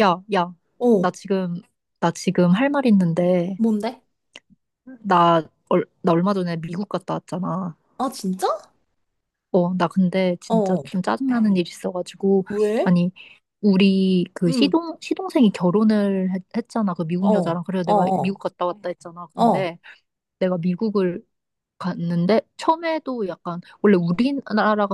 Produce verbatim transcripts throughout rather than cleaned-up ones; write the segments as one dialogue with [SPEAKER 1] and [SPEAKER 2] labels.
[SPEAKER 1] 야, 야, 나
[SPEAKER 2] 어,
[SPEAKER 1] 지금, 나 지금 할 말 있는데,
[SPEAKER 2] 뭔데?
[SPEAKER 1] 나, 얼, 나 얼마 전에 미국 갔다 왔잖아.
[SPEAKER 2] 아, 진짜?
[SPEAKER 1] 어, 나 근데
[SPEAKER 2] 어,
[SPEAKER 1] 진짜
[SPEAKER 2] 어.
[SPEAKER 1] 좀 짜증나는 일이 있어가지고,
[SPEAKER 2] 왜?
[SPEAKER 1] 아니, 우리 그
[SPEAKER 2] 응,
[SPEAKER 1] 시동, 시동생이 결혼을 했, 했잖아. 그 미국
[SPEAKER 2] 어,
[SPEAKER 1] 여자랑. 그래서
[SPEAKER 2] 어,
[SPEAKER 1] 내가
[SPEAKER 2] 어,
[SPEAKER 1] 미국 갔다 왔다 했잖아.
[SPEAKER 2] 어.
[SPEAKER 1] 근데 내가 미국을 갔는데, 처음에도 약간, 원래 우리나라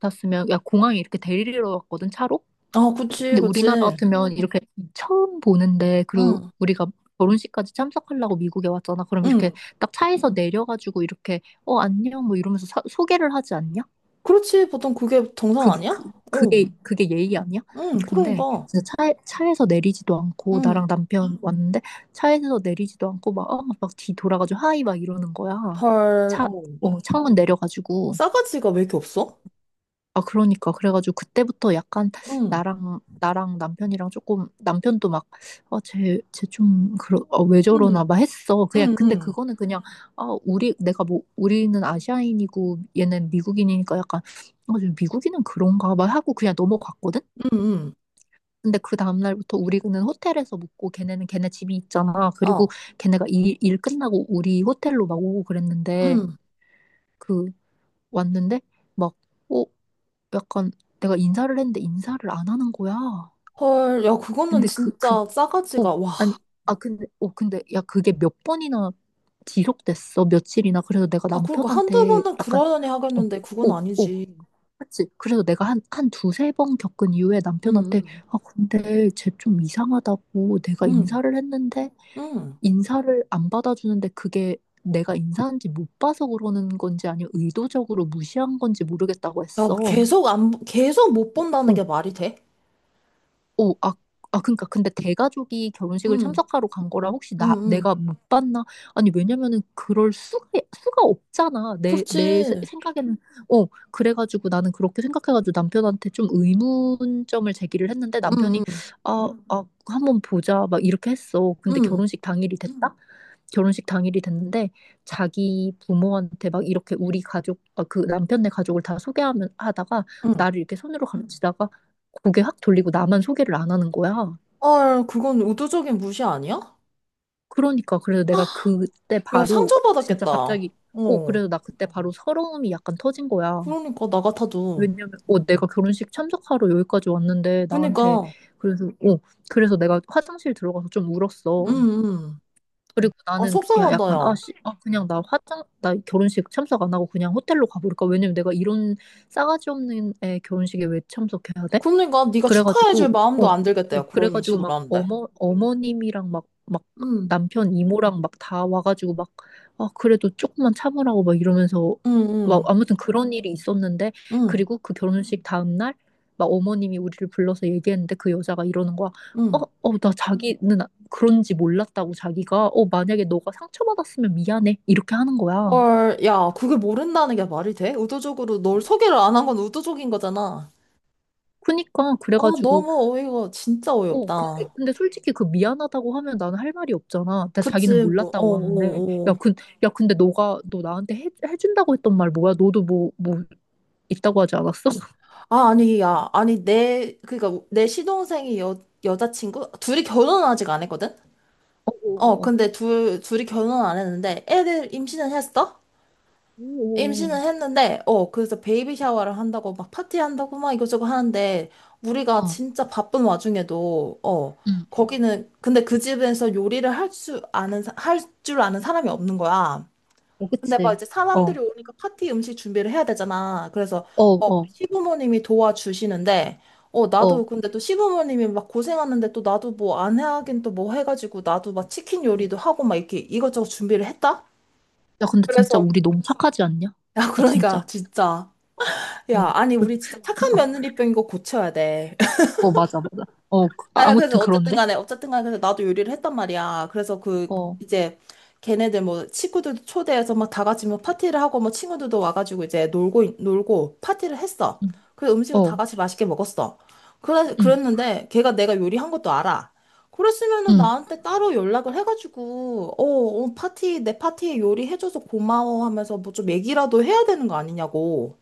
[SPEAKER 1] 갔으면, 야, 공항에 이렇게 데리러 왔거든, 차로?
[SPEAKER 2] 아, 그치,
[SPEAKER 1] 근데 우리나라
[SPEAKER 2] 그치.
[SPEAKER 1] 같으면 이렇게 처음 보는데, 그리고
[SPEAKER 2] 응,
[SPEAKER 1] 우리가 결혼식까지 참석하려고 미국에 왔잖아. 그럼 이렇게
[SPEAKER 2] 응.
[SPEAKER 1] 딱 차에서 내려가지고 이렇게, 어, 안녕, 뭐 이러면서 사- 소개를 하지 않냐?
[SPEAKER 2] 그렇지, 보통 그게 정상
[SPEAKER 1] 그,
[SPEAKER 2] 아니야?
[SPEAKER 1] 그,
[SPEAKER 2] 어,
[SPEAKER 1] 그게, 그게 예의 아니야?
[SPEAKER 2] 응,
[SPEAKER 1] 근데
[SPEAKER 2] 그러니까.
[SPEAKER 1] 진짜 차에, 차에서 내리지도 않고,
[SPEAKER 2] 응.
[SPEAKER 1] 나랑 남편 왔는데, 차에서 내리지도 않고, 막, 어, 막 뒤 돌아가지고, 하이, 막 이러는 거야.
[SPEAKER 2] 헐,
[SPEAKER 1] 차,
[SPEAKER 2] 어.
[SPEAKER 1] 어, 창문 내려가지고.
[SPEAKER 2] 싸가지가 왜 이렇게 없어?
[SPEAKER 1] 아, 그러니까. 그래가지고 그때부터 약간
[SPEAKER 2] 응,
[SPEAKER 1] 나랑, 나랑 남편이랑 조금, 남편도 막, 아, 쟤, 쟤좀 그러, 아, 왜 저러나
[SPEAKER 2] 응,
[SPEAKER 1] 막 했어. 그냥,
[SPEAKER 2] 응,
[SPEAKER 1] 근데
[SPEAKER 2] 응,
[SPEAKER 1] 그거는 그냥, 아, 우리, 내가 뭐, 우리는 아시아인이고 얘는 미국인이니까 약간, 아, 쟤 미국인은 그런가 막 하고 그냥 넘어갔거든?
[SPEAKER 2] 응,
[SPEAKER 1] 근데 그 다음날부터 우리는 호텔에서 묵고 걔네는 걔네 집이 있잖아.
[SPEAKER 2] 응. 어,
[SPEAKER 1] 그리고 걔네가 일, 일 끝나고 우리 호텔로 막 오고 그랬는데,
[SPEAKER 2] 응.
[SPEAKER 1] 그, 왔는데, 막, 어? 약간 내가 인사를 했는데 인사를 안 하는 거야.
[SPEAKER 2] 헐, 야, 그거는
[SPEAKER 1] 근데 그, 그,
[SPEAKER 2] 진짜
[SPEAKER 1] 어,
[SPEAKER 2] 싸가지가, 와.
[SPEAKER 1] 아니, 아, 근데, 어, 근데, 야, 그게 몇 번이나 지속됐어, 며칠이나. 그래서 내가
[SPEAKER 2] 아, 그러니까 한두
[SPEAKER 1] 남편한테
[SPEAKER 2] 번은
[SPEAKER 1] 약간,
[SPEAKER 2] 그러려니
[SPEAKER 1] 어,
[SPEAKER 2] 하겠는데, 그건
[SPEAKER 1] 어, 어,
[SPEAKER 2] 아니지.
[SPEAKER 1] 그치. 그래서 내가 한, 한 두세 번 겪은 이후에
[SPEAKER 2] 응,
[SPEAKER 1] 남편한테,
[SPEAKER 2] 응,
[SPEAKER 1] 아, 근데 쟤 좀 이상하다고 내가
[SPEAKER 2] 응,
[SPEAKER 1] 인사를 했는데,
[SPEAKER 2] 응.
[SPEAKER 1] 인사를 안 받아주는데 그게 내가 인사한지 못 봐서 그러는 건지 아니면 의도적으로 무시한 건지
[SPEAKER 2] 야,
[SPEAKER 1] 모르겠다고
[SPEAKER 2] 나
[SPEAKER 1] 했어.
[SPEAKER 2] 계속 안, 보- 계속 못 본다는 게
[SPEAKER 1] 어,
[SPEAKER 2] 말이 돼?
[SPEAKER 1] 오, 아, 아, 그러니까 근데 대가족이 결혼식을
[SPEAKER 2] 응,
[SPEAKER 1] 참석하러 간 거라 혹시
[SPEAKER 2] 응,
[SPEAKER 1] 나
[SPEAKER 2] 응.
[SPEAKER 1] 내가 못 봤나? 아니 왜냐면은 그럴 수가 수가 없잖아. 내 내
[SPEAKER 2] 그렇지.
[SPEAKER 1] 생각에는 어 그래가지고 나는 그렇게 생각해가지고 남편한테 좀 의문점을 제기를 했는데
[SPEAKER 2] 응,
[SPEAKER 1] 남편이,
[SPEAKER 2] 응,
[SPEAKER 1] 아, 아 한번 보자 막 이렇게 했어. 근데
[SPEAKER 2] 응,
[SPEAKER 1] 결혼식 당일이 됐다? 결혼식 당일이 됐는데 자기 부모한테 막 이렇게 우리 가족 아, 그 남편네 가족을 다 소개하면 하다가
[SPEAKER 2] 응.
[SPEAKER 1] 나를 이렇게 손으로 감지다가 고개 확 돌리고 나만 소개를 안 하는 거야.
[SPEAKER 2] 아, 그건 의도적인 무시 아니야?
[SPEAKER 1] 그러니까 그래서 내가 그때
[SPEAKER 2] 야,
[SPEAKER 1] 바로 진짜
[SPEAKER 2] 상처받았겠다.
[SPEAKER 1] 갑자기, 어
[SPEAKER 2] 어.
[SPEAKER 1] 그래서 나 그때 바로 서러움이 약간 터진 거야.
[SPEAKER 2] 그러니까, 나 같아도.
[SPEAKER 1] 왜냐면 어 내가 결혼식 참석하러 여기까지 왔는데 나한테,
[SPEAKER 2] 그러니까,
[SPEAKER 1] 그래서 어 그래서 내가 화장실 들어가서 좀
[SPEAKER 2] 응,
[SPEAKER 1] 울었어.
[SPEAKER 2] 응.
[SPEAKER 1] 그리고
[SPEAKER 2] 아,
[SPEAKER 1] 나는 그냥
[SPEAKER 2] 속상하다,
[SPEAKER 1] 약간, 아,
[SPEAKER 2] 야.
[SPEAKER 1] 씨, 아 그냥 나 화장 나 결혼식 참석 안 하고 그냥 호텔로 가버릴까? 왜냐면 내가 이런 싸가지 없는 애 결혼식에 왜 참석해야 돼?
[SPEAKER 2] 그러니까, 네가
[SPEAKER 1] 그래가지고,
[SPEAKER 2] 축하해줄 마음도
[SPEAKER 1] 어,
[SPEAKER 2] 안 들겠다,
[SPEAKER 1] 어,
[SPEAKER 2] 야. 그런
[SPEAKER 1] 그래가지고
[SPEAKER 2] 식으로
[SPEAKER 1] 막
[SPEAKER 2] 하는데.
[SPEAKER 1] 어머, 어머님이랑 막, 막
[SPEAKER 2] 응,
[SPEAKER 1] 남편 이모랑 막 다 와가지고 막, 아, 그래도 조금만 참으라고 막 이러면서
[SPEAKER 2] 응,
[SPEAKER 1] 막
[SPEAKER 2] 응,
[SPEAKER 1] 아무튼 그런 일이 있었는데,
[SPEAKER 2] 응,
[SPEAKER 1] 그리고 그 결혼식 다음날 막 어머님이 우리를 불러서 얘기했는데 그 여자가 이러는 거야. 어,
[SPEAKER 2] 응.
[SPEAKER 1] 어, 나 자기는 아- 그런지 몰랐다고 자기가. 어, 만약에 너가 상처받았으면 미안해. 이렇게 하는 거야.
[SPEAKER 2] 헐, 야, 그게 모른다는 게 말이 돼? 의도적으로 널 소개를 안 한 건 의도적인 거잖아.
[SPEAKER 1] 그니까,
[SPEAKER 2] 어,
[SPEAKER 1] 그래가지고
[SPEAKER 2] 너무 어이가 진짜
[SPEAKER 1] 어, 근데,
[SPEAKER 2] 어이없다.
[SPEAKER 1] 근데 솔직히 그 미안하다고 하면 나는 할 말이 없잖아. 나 자기는
[SPEAKER 2] 그치, 뭐, 어,
[SPEAKER 1] 몰랐다고 하는데.
[SPEAKER 2] 어,
[SPEAKER 1] 야,
[SPEAKER 2] 어.
[SPEAKER 1] 근, 야, 근데 너가, 너 나한테 해, 해준다고 했던 말 뭐야? 너도 뭐, 뭐, 있다고 하지 않았어?
[SPEAKER 2] 아, 아니, 야, 아니, 내, 그니까, 내 시동생이 여, 여자친구? 둘이 결혼은 아직 안 했거든?
[SPEAKER 1] 어,
[SPEAKER 2] 어,
[SPEAKER 1] 어, 어.
[SPEAKER 2] 근데 둘, 둘이 결혼은 안 했는데, 애들 임신은 했어?
[SPEAKER 1] 오, 오,
[SPEAKER 2] 임신은 했는데, 어, 그래서 베이비 샤워를 한다고, 막 파티한다고, 막 이것저것 하는데, 우리가
[SPEAKER 1] 어,
[SPEAKER 2] 진짜 바쁜 와중에도, 어,
[SPEAKER 1] 응,
[SPEAKER 2] 거기는, 근데 그 집에서 요리를 할 수, 아는, 할 줄 아는 사람이 없는 거야.
[SPEAKER 1] 어,
[SPEAKER 2] 근데 막
[SPEAKER 1] 그치.
[SPEAKER 2] 이제
[SPEAKER 1] 어,
[SPEAKER 2] 사람들이 오니까 파티 음식 준비를 해야 되잖아. 그래서
[SPEAKER 1] 어,
[SPEAKER 2] 어
[SPEAKER 1] 어,
[SPEAKER 2] 시부모님이 도와주시는데 어
[SPEAKER 1] 어.
[SPEAKER 2] 나도 근데 또 시부모님이 막 고생하는데 또 나도 뭐 안 하긴 또 뭐 해가지고 나도 막 치킨 요리도
[SPEAKER 1] 음.
[SPEAKER 2] 하고 막 이렇게 이것저것 준비를 했다.
[SPEAKER 1] 야, 근데 진짜
[SPEAKER 2] 그래서
[SPEAKER 1] 우리 너무 착하지 않냐?
[SPEAKER 2] 야,
[SPEAKER 1] 아, 진짜.
[SPEAKER 2] 그러니까 진짜. 야,
[SPEAKER 1] 어,
[SPEAKER 2] 아니, 우리 진짜 착한 며느리병인 거 고쳐야 돼.
[SPEAKER 1] 어, 맞아, 맞아. 어. 그- 아,
[SPEAKER 2] 아,
[SPEAKER 1] 아무튼
[SPEAKER 2] 그래서 어쨌든
[SPEAKER 1] 그런데?
[SPEAKER 2] 간에, 어쨌든 간에, 그래서 나도 요리를 했단 말이야. 그래서 그,
[SPEAKER 1] 어,
[SPEAKER 2] 이제, 걔네들 뭐, 친구들도 초대해서 막 다 같이 뭐 파티를 하고, 뭐 친구들도 와가지고 이제 놀고, 있- 놀고, 파티를 했어.
[SPEAKER 1] 응,
[SPEAKER 2] 그래서 음식을
[SPEAKER 1] 어,
[SPEAKER 2] 다 같이 맛있게 먹었어. 그래,
[SPEAKER 1] 응,
[SPEAKER 2] 그랬는데, 걔가 내가 요리한 것도 알아. 그랬으면은
[SPEAKER 1] 응.
[SPEAKER 2] 나한테 따로 연락을 해가지고, 어, 어, 파티, 내 파티에 요리해줘서 고마워 하면서 뭐 좀 얘기라도 해야 되는 거 아니냐고.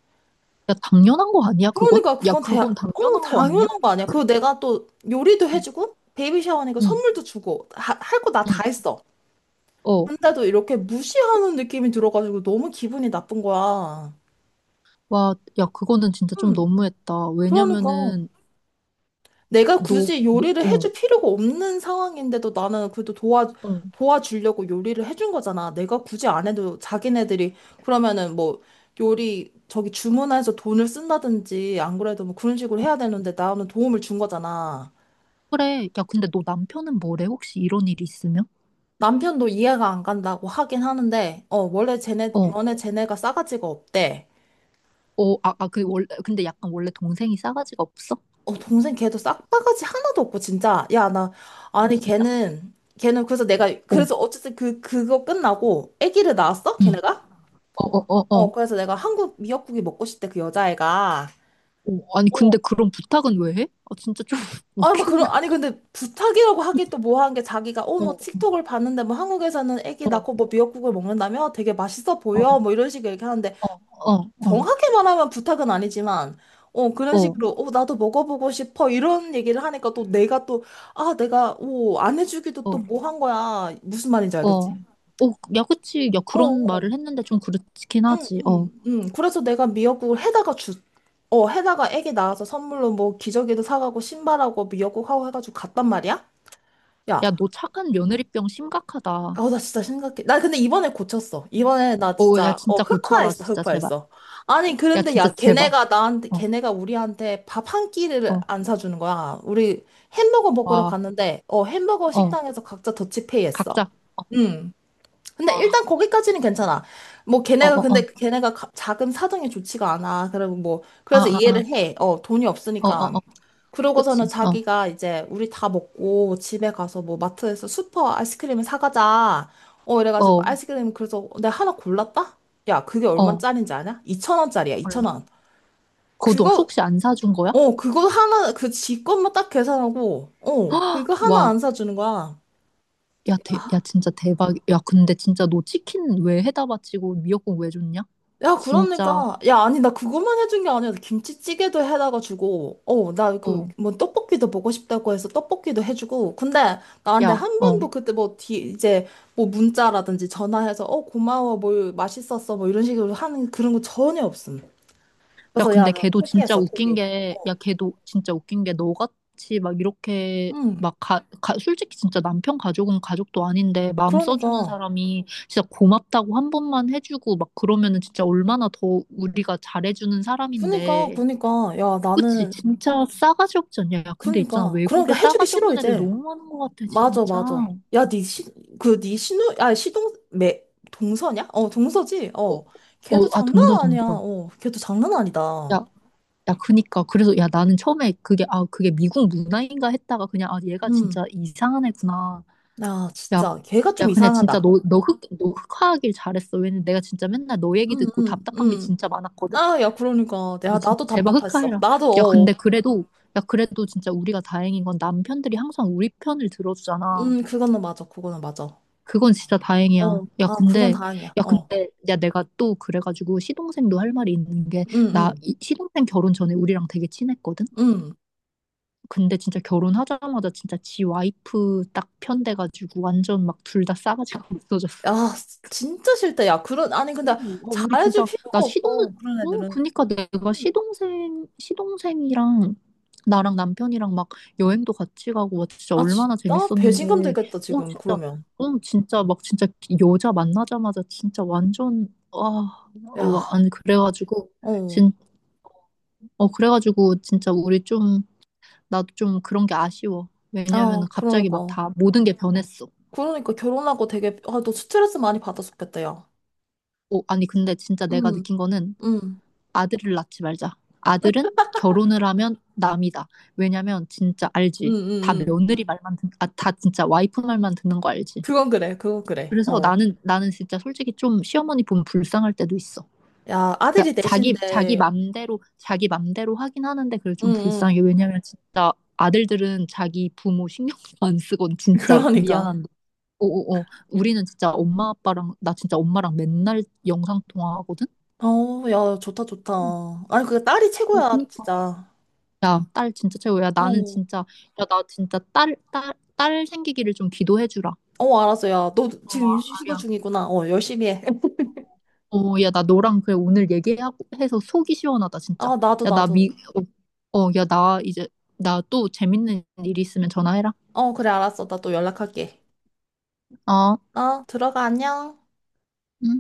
[SPEAKER 1] 야, 당연한 거 아니야, 그건?
[SPEAKER 2] 그러니까
[SPEAKER 1] 야,
[SPEAKER 2] 그건 대,
[SPEAKER 1] 그건
[SPEAKER 2] 어,
[SPEAKER 1] 당연한 거 음. 아니야?
[SPEAKER 2] 당연한 거 아니야. 그리고 내가 또 요리도
[SPEAKER 1] 응,
[SPEAKER 2] 해주고, 베이비 샤워니까
[SPEAKER 1] 응.
[SPEAKER 2] 선물도 주고, 할 거 나 다
[SPEAKER 1] 응.
[SPEAKER 2] 했어.
[SPEAKER 1] 어,
[SPEAKER 2] 근데도 이렇게 무시하는 느낌이 들어가지고 너무 기분이 나쁜 거야.
[SPEAKER 1] 와, 야, 그거는 진짜 좀
[SPEAKER 2] 음,
[SPEAKER 1] 너무했다.
[SPEAKER 2] 그러니까.
[SPEAKER 1] 왜냐면은,
[SPEAKER 2] 내가
[SPEAKER 1] 너,
[SPEAKER 2] 굳이
[SPEAKER 1] 너,
[SPEAKER 2] 요리를
[SPEAKER 1] 어,
[SPEAKER 2] 해줄 필요가 없는 상황인데도 나는 그래도 도와,
[SPEAKER 1] 어.
[SPEAKER 2] 도와주려고 요리를 해준 거잖아. 내가 굳이 안 해도 자기네들이 그러면은 뭐 요리 저기 주문해서 돈을 쓴다든지 안 그래도 뭐 그런 식으로 해야 되는데 나는 도움을 준 거잖아.
[SPEAKER 1] 그래. 야, 근데 너 남편은 뭐래? 혹시 이런 일이 있으면?
[SPEAKER 2] 남편도 이해가 안 간다고 하긴 하는데, 어, 원래 쟤네,
[SPEAKER 1] 어,
[SPEAKER 2] 원래 쟤네가 싸가지가 없대.
[SPEAKER 1] 어, 아, 아, 그, 원래, 근데 약간 원래 동생이 싸가지가 없어?
[SPEAKER 2] 어, 동생 걔도 싹바가지 하나도 없고, 진짜. 야, 나,
[SPEAKER 1] 아,
[SPEAKER 2] 아니,
[SPEAKER 1] 진짜?
[SPEAKER 2] 걔는, 걔는 그래서 내가,
[SPEAKER 1] 어,
[SPEAKER 2] 그래서 어쨌든 그, 그거 끝나고, 아기를 낳았어?
[SPEAKER 1] 응.
[SPEAKER 2] 걔네가?
[SPEAKER 1] 어, 어, 어, 어.
[SPEAKER 2] 어, 그래서 내가 한국 미역국이 먹고 싶대, 그 여자애가.
[SPEAKER 1] 어, 아니,
[SPEAKER 2] 어,
[SPEAKER 1] 근데 그런 부탁은 왜 해? 아, 진짜 좀
[SPEAKER 2] 아니, 막 그런,
[SPEAKER 1] 웃긴다.
[SPEAKER 2] 아니, 근데 부탁이라고 하기 또 뭐한 게 자기가, 어, 뭐,
[SPEAKER 1] 어,
[SPEAKER 2] 틱톡을 봤는데, 뭐, 한국에서는 아기
[SPEAKER 1] 어,
[SPEAKER 2] 낳고 뭐 미역국을 먹는다며? 되게 맛있어
[SPEAKER 1] 어, 어,
[SPEAKER 2] 보여? 뭐, 이런 식으로 얘기하는데,
[SPEAKER 1] 어, 어,
[SPEAKER 2] 정확히 말하면 부탁은 아니지만, 어, 그런
[SPEAKER 1] 어,
[SPEAKER 2] 식으로, 어, 나도 먹어보고 싶어. 이런 얘기를 하니까 또 내가 또, 아, 내가, 오, 안 해주기도 또
[SPEAKER 1] 어,
[SPEAKER 2] 뭐 한 거야. 무슨 말인지 알겠지?
[SPEAKER 1] 어. 어, 야, 그치. 야,
[SPEAKER 2] 어,
[SPEAKER 1] 그런
[SPEAKER 2] 어.
[SPEAKER 1] 말을 했는데 좀 그렇긴
[SPEAKER 2] 응,
[SPEAKER 1] 하지. 어.
[SPEAKER 2] 응, 응. 그래서 내가 미역국을 해다가 주, 어, 해다가 애기 낳아서 선물로 뭐 기저귀도 사가고 신발하고 미역국하고 해가지고 갔단 말이야?
[SPEAKER 1] 야,
[SPEAKER 2] 야,
[SPEAKER 1] 너 착한 며느리병 심각하다.
[SPEAKER 2] 아, 나 진짜 심각해. 나 근데 이번에 고쳤어. 이번에 나
[SPEAKER 1] 오, 야,
[SPEAKER 2] 진짜, 어,
[SPEAKER 1] 진짜 고쳐라,
[SPEAKER 2] 흑화했어,
[SPEAKER 1] 진짜, 제발.
[SPEAKER 2] 흑화했어. 아니,
[SPEAKER 1] 야,
[SPEAKER 2] 그런데
[SPEAKER 1] 진짜,
[SPEAKER 2] 야,
[SPEAKER 1] 제발.
[SPEAKER 2] 걔네가 나한테,
[SPEAKER 1] 어,
[SPEAKER 2] 걔네가 우리한테 밥 한 끼를
[SPEAKER 1] 어,
[SPEAKER 2] 안 사주는 거야. 우리 햄버거 먹으러
[SPEAKER 1] 와,
[SPEAKER 2] 갔는데, 어, 햄버거
[SPEAKER 1] 어,
[SPEAKER 2] 식당에서 각자 더치페이 했어.
[SPEAKER 1] 각자. 어,
[SPEAKER 2] 음. 근데 일단
[SPEAKER 1] 어,
[SPEAKER 2] 거기까지는 괜찮아. 뭐
[SPEAKER 1] 어,
[SPEAKER 2] 걔네가
[SPEAKER 1] 어, 어.
[SPEAKER 2] 근데 걔네가 가- 자금 사정이 좋지가 않아. 그리고 뭐
[SPEAKER 1] 아,
[SPEAKER 2] 그래서
[SPEAKER 1] 아, 아.
[SPEAKER 2] 이해를 해. 어, 돈이
[SPEAKER 1] 어,
[SPEAKER 2] 없으니까.
[SPEAKER 1] 어, 어.
[SPEAKER 2] 그러고서는
[SPEAKER 1] 그치. 어,
[SPEAKER 2] 자기가 이제 우리 다 먹고 집에 가서 뭐 마트에서 슈퍼 아이스크림을 사가자. 어, 이래가지고
[SPEAKER 1] 어,
[SPEAKER 2] 아이스크림, 그래서 "어, 내가 하나 골랐다? 야, 그게
[SPEAKER 1] 어.
[SPEAKER 2] 얼마짜린지 아냐? 이천 원짜리야2천
[SPEAKER 1] 얼마.
[SPEAKER 2] 원
[SPEAKER 1] 그것도
[SPEAKER 2] 그거,
[SPEAKER 1] 혹시 안 사준 거야?
[SPEAKER 2] 어, 그거 하나, 그 지 것만 딱 계산하고, 어,
[SPEAKER 1] 헉!
[SPEAKER 2] 그거 하나 안
[SPEAKER 1] 와,
[SPEAKER 2] 사주는 거야.
[SPEAKER 1] 야, 대, 야, 진짜 대박. 야, 근데 진짜 너 치킨 왜 해다 바치고 미역국 왜 줬냐?
[SPEAKER 2] 야,
[SPEAKER 1] 진짜,
[SPEAKER 2] 그러니까. 야, 아니, 나 그것만 해준 게 아니야. 김치찌개도 해다가 주고, 어, 나 그,
[SPEAKER 1] 어,
[SPEAKER 2] 뭐, 떡볶이도 먹고 싶다고 해서 떡볶이도 해주고. 근데 나한테
[SPEAKER 1] 야,
[SPEAKER 2] 한
[SPEAKER 1] 어.
[SPEAKER 2] 번도 그때 뭐, 뒤, 이제, 뭐, 문자라든지 전화해서, 어, 고마워, 뭐, 맛있었어, 뭐, 이런 식으로 하는 그런 거 전혀 없음.
[SPEAKER 1] 야,
[SPEAKER 2] 그래서 야,
[SPEAKER 1] 근데
[SPEAKER 2] 나
[SPEAKER 1] 걔도 진짜
[SPEAKER 2] 포기했어,
[SPEAKER 1] 웃긴
[SPEAKER 2] 포기.
[SPEAKER 1] 게, 야, 걔도 진짜 웃긴 게 너같이 막 이렇게
[SPEAKER 2] 응,
[SPEAKER 1] 막 가, 가, 솔직히 진짜 남편 가족은 가족도 아닌데 마음 써주는
[SPEAKER 2] 그러니까.
[SPEAKER 1] 사람이 진짜 고맙다고 한 번만 해주고 막 그러면은 진짜 얼마나 더 우리가 잘해주는
[SPEAKER 2] 그니까,
[SPEAKER 1] 사람인데.
[SPEAKER 2] 그니까. 야,
[SPEAKER 1] 그치,
[SPEAKER 2] 나는,
[SPEAKER 1] 진짜 싸가지 없지 않냐? 야, 근데 있잖아.
[SPEAKER 2] 그니까.
[SPEAKER 1] 외국에
[SPEAKER 2] 그러니까 해주기
[SPEAKER 1] 싸가지
[SPEAKER 2] 싫어,
[SPEAKER 1] 없는 애들
[SPEAKER 2] 이제.
[SPEAKER 1] 너무 많은 것 같아,
[SPEAKER 2] 맞아,
[SPEAKER 1] 진짜.
[SPEAKER 2] 맞아.
[SPEAKER 1] 어,
[SPEAKER 2] 야, 니 시, 그, 니 신우, 아, 시동, 매, 동서냐? 어, 동서지? 어.
[SPEAKER 1] 어,
[SPEAKER 2] 걔도
[SPEAKER 1] 아, 동서,
[SPEAKER 2] 장난 아니야.
[SPEAKER 1] 동서.
[SPEAKER 2] 어, 걔도 장난 아니다.
[SPEAKER 1] 야, 야, 그니까. 그래서, 야, 나는 처음에 그게, 아, 그게 미국 문화인가 했다가 그냥, 아, 얘가
[SPEAKER 2] 음.
[SPEAKER 1] 진짜 이상한 애구나.
[SPEAKER 2] 야,
[SPEAKER 1] 야,
[SPEAKER 2] 진짜. 걔가 좀
[SPEAKER 1] 야, 그냥 진짜
[SPEAKER 2] 이상하다.
[SPEAKER 1] 너, 너 흑, 너 흑화하길 잘했어. 왜냐면 내가 진짜 맨날 너 얘기
[SPEAKER 2] 음,
[SPEAKER 1] 듣고
[SPEAKER 2] 음,
[SPEAKER 1] 답답한 게
[SPEAKER 2] 음.
[SPEAKER 1] 진짜 많았거든?
[SPEAKER 2] 아, 야, 그러니까.
[SPEAKER 1] 너
[SPEAKER 2] 야,
[SPEAKER 1] 진짜
[SPEAKER 2] 나도
[SPEAKER 1] 제발
[SPEAKER 2] 답답했어.
[SPEAKER 1] 흑화해라.
[SPEAKER 2] 나도,
[SPEAKER 1] 야, 근데
[SPEAKER 2] 어.
[SPEAKER 1] 그래도, 야, 그래도 진짜 우리가 다행인 건 남편들이 항상 우리 편을 들어주잖아.
[SPEAKER 2] 음, 그거는 맞아. 그거는 맞아.
[SPEAKER 1] 그건 진짜 다행이야.
[SPEAKER 2] 어.
[SPEAKER 1] 야,
[SPEAKER 2] 아, 그건
[SPEAKER 1] 근데,
[SPEAKER 2] 다행이야.
[SPEAKER 1] 야,
[SPEAKER 2] 어.
[SPEAKER 1] 근데, 야, 내가 또 그래가지고 시동생도 할 말이 있는 게,
[SPEAKER 2] 음,
[SPEAKER 1] 나
[SPEAKER 2] 음,
[SPEAKER 1] 이- 시동생 결혼 전에 우리랑 되게 친했거든?
[SPEAKER 2] 음.
[SPEAKER 1] 근데 진짜 결혼하자마자 진짜 지 와이프 딱 편돼가지고 완전 막 둘 다 싸가지가 없어졌어.
[SPEAKER 2] 야, 진짜 싫다. 야, 그런, 아니, 근데
[SPEAKER 1] 어, 어, 우리
[SPEAKER 2] 잘해줄
[SPEAKER 1] 진짜 나
[SPEAKER 2] 필요가
[SPEAKER 1] 시동
[SPEAKER 2] 없어. 그런
[SPEAKER 1] 어
[SPEAKER 2] 애들은.
[SPEAKER 1] 그니까 내가
[SPEAKER 2] 음.
[SPEAKER 1] 시동생 시동생이랑 나랑 남편이랑 막 여행도 같이 가고 와, 진짜
[SPEAKER 2] 아,
[SPEAKER 1] 얼마나
[SPEAKER 2] 진짜? 배신감
[SPEAKER 1] 재밌었는데
[SPEAKER 2] 들겠다,
[SPEAKER 1] 어
[SPEAKER 2] 지금,
[SPEAKER 1] 진짜
[SPEAKER 2] 그러면.
[SPEAKER 1] 어 진짜 막 진짜 여자 만나자마자 진짜 완전 아 어,
[SPEAKER 2] 야,
[SPEAKER 1] 아니 그래가지고
[SPEAKER 2] 어,
[SPEAKER 1] 진 어 그래가지고 진짜 우리 좀, 나도 좀 그런 게 아쉬워.
[SPEAKER 2] 아,
[SPEAKER 1] 왜냐면은 갑자기 막
[SPEAKER 2] 그러니까.
[SPEAKER 1] 다 모든 게 변했어.
[SPEAKER 2] 그러니까 결혼하고 되게, 아, 너 스트레스 많이 받았었겠다, 야.
[SPEAKER 1] 오, 아니 근데 진짜 내가
[SPEAKER 2] 음,
[SPEAKER 1] 느낀 거는
[SPEAKER 2] 음,
[SPEAKER 1] 아들을 낳지 말자. 아들은 결혼을 하면 남이다. 왜냐면 진짜
[SPEAKER 2] 음,
[SPEAKER 1] 알지. 다
[SPEAKER 2] 음, 음.
[SPEAKER 1] 며느리 말만 듣, 아, 다 진짜 와이프 말만 듣는 거 알지.
[SPEAKER 2] 그건 그래, 그건 그래.
[SPEAKER 1] 그래서
[SPEAKER 2] 어.
[SPEAKER 1] 나는 나는 진짜 솔직히 좀 시어머니 보면 불쌍할 때도 있어.
[SPEAKER 2] 야,
[SPEAKER 1] 그러니까
[SPEAKER 2] 아들이
[SPEAKER 1] 자기 자기
[SPEAKER 2] 넷인데,
[SPEAKER 1] 맘대로 자기 맘대로 하긴 하는데 그래
[SPEAKER 2] 응,
[SPEAKER 1] 좀
[SPEAKER 2] 응.
[SPEAKER 1] 불쌍해. 왜냐면 진짜 아들들은 자기 부모 신경도 안 쓰곤 진짜
[SPEAKER 2] 그러니까.
[SPEAKER 1] 미안한 오오오. 우리는 진짜 엄마 아빠랑 나 진짜 엄마랑 맨날 영상 통화하거든.
[SPEAKER 2] 어, 야, 좋다, 좋다.
[SPEAKER 1] 응.
[SPEAKER 2] 아니, 그 딸이
[SPEAKER 1] 어,
[SPEAKER 2] 최고야,
[SPEAKER 1] 그니까.
[SPEAKER 2] 진짜.
[SPEAKER 1] 야, 딸 진짜 최고야. 나는
[SPEAKER 2] 어,
[SPEAKER 1] 진짜 야, 나 진짜 딸 딸 딸 생기기를 좀 기도해 주라.
[SPEAKER 2] 어, 알았어, 야. 너
[SPEAKER 1] 어,
[SPEAKER 2] 지금 인수 시도
[SPEAKER 1] 아야.
[SPEAKER 2] 중이구나. 어, 열심히 해.
[SPEAKER 1] 어, 야, 나 너랑 그래 오늘 얘기하고 해서 속이 시원하다 진짜.
[SPEAKER 2] 아, 나도,
[SPEAKER 1] 야, 나 미,
[SPEAKER 2] 나도.
[SPEAKER 1] 어, 어, 야, 나 이제 나 또 재밌는 일 있으면 전화해라.
[SPEAKER 2] 어, 그래, 알았어. 나 또 연락할게.
[SPEAKER 1] 어.
[SPEAKER 2] 어, 들어가, 안녕.
[SPEAKER 1] 응.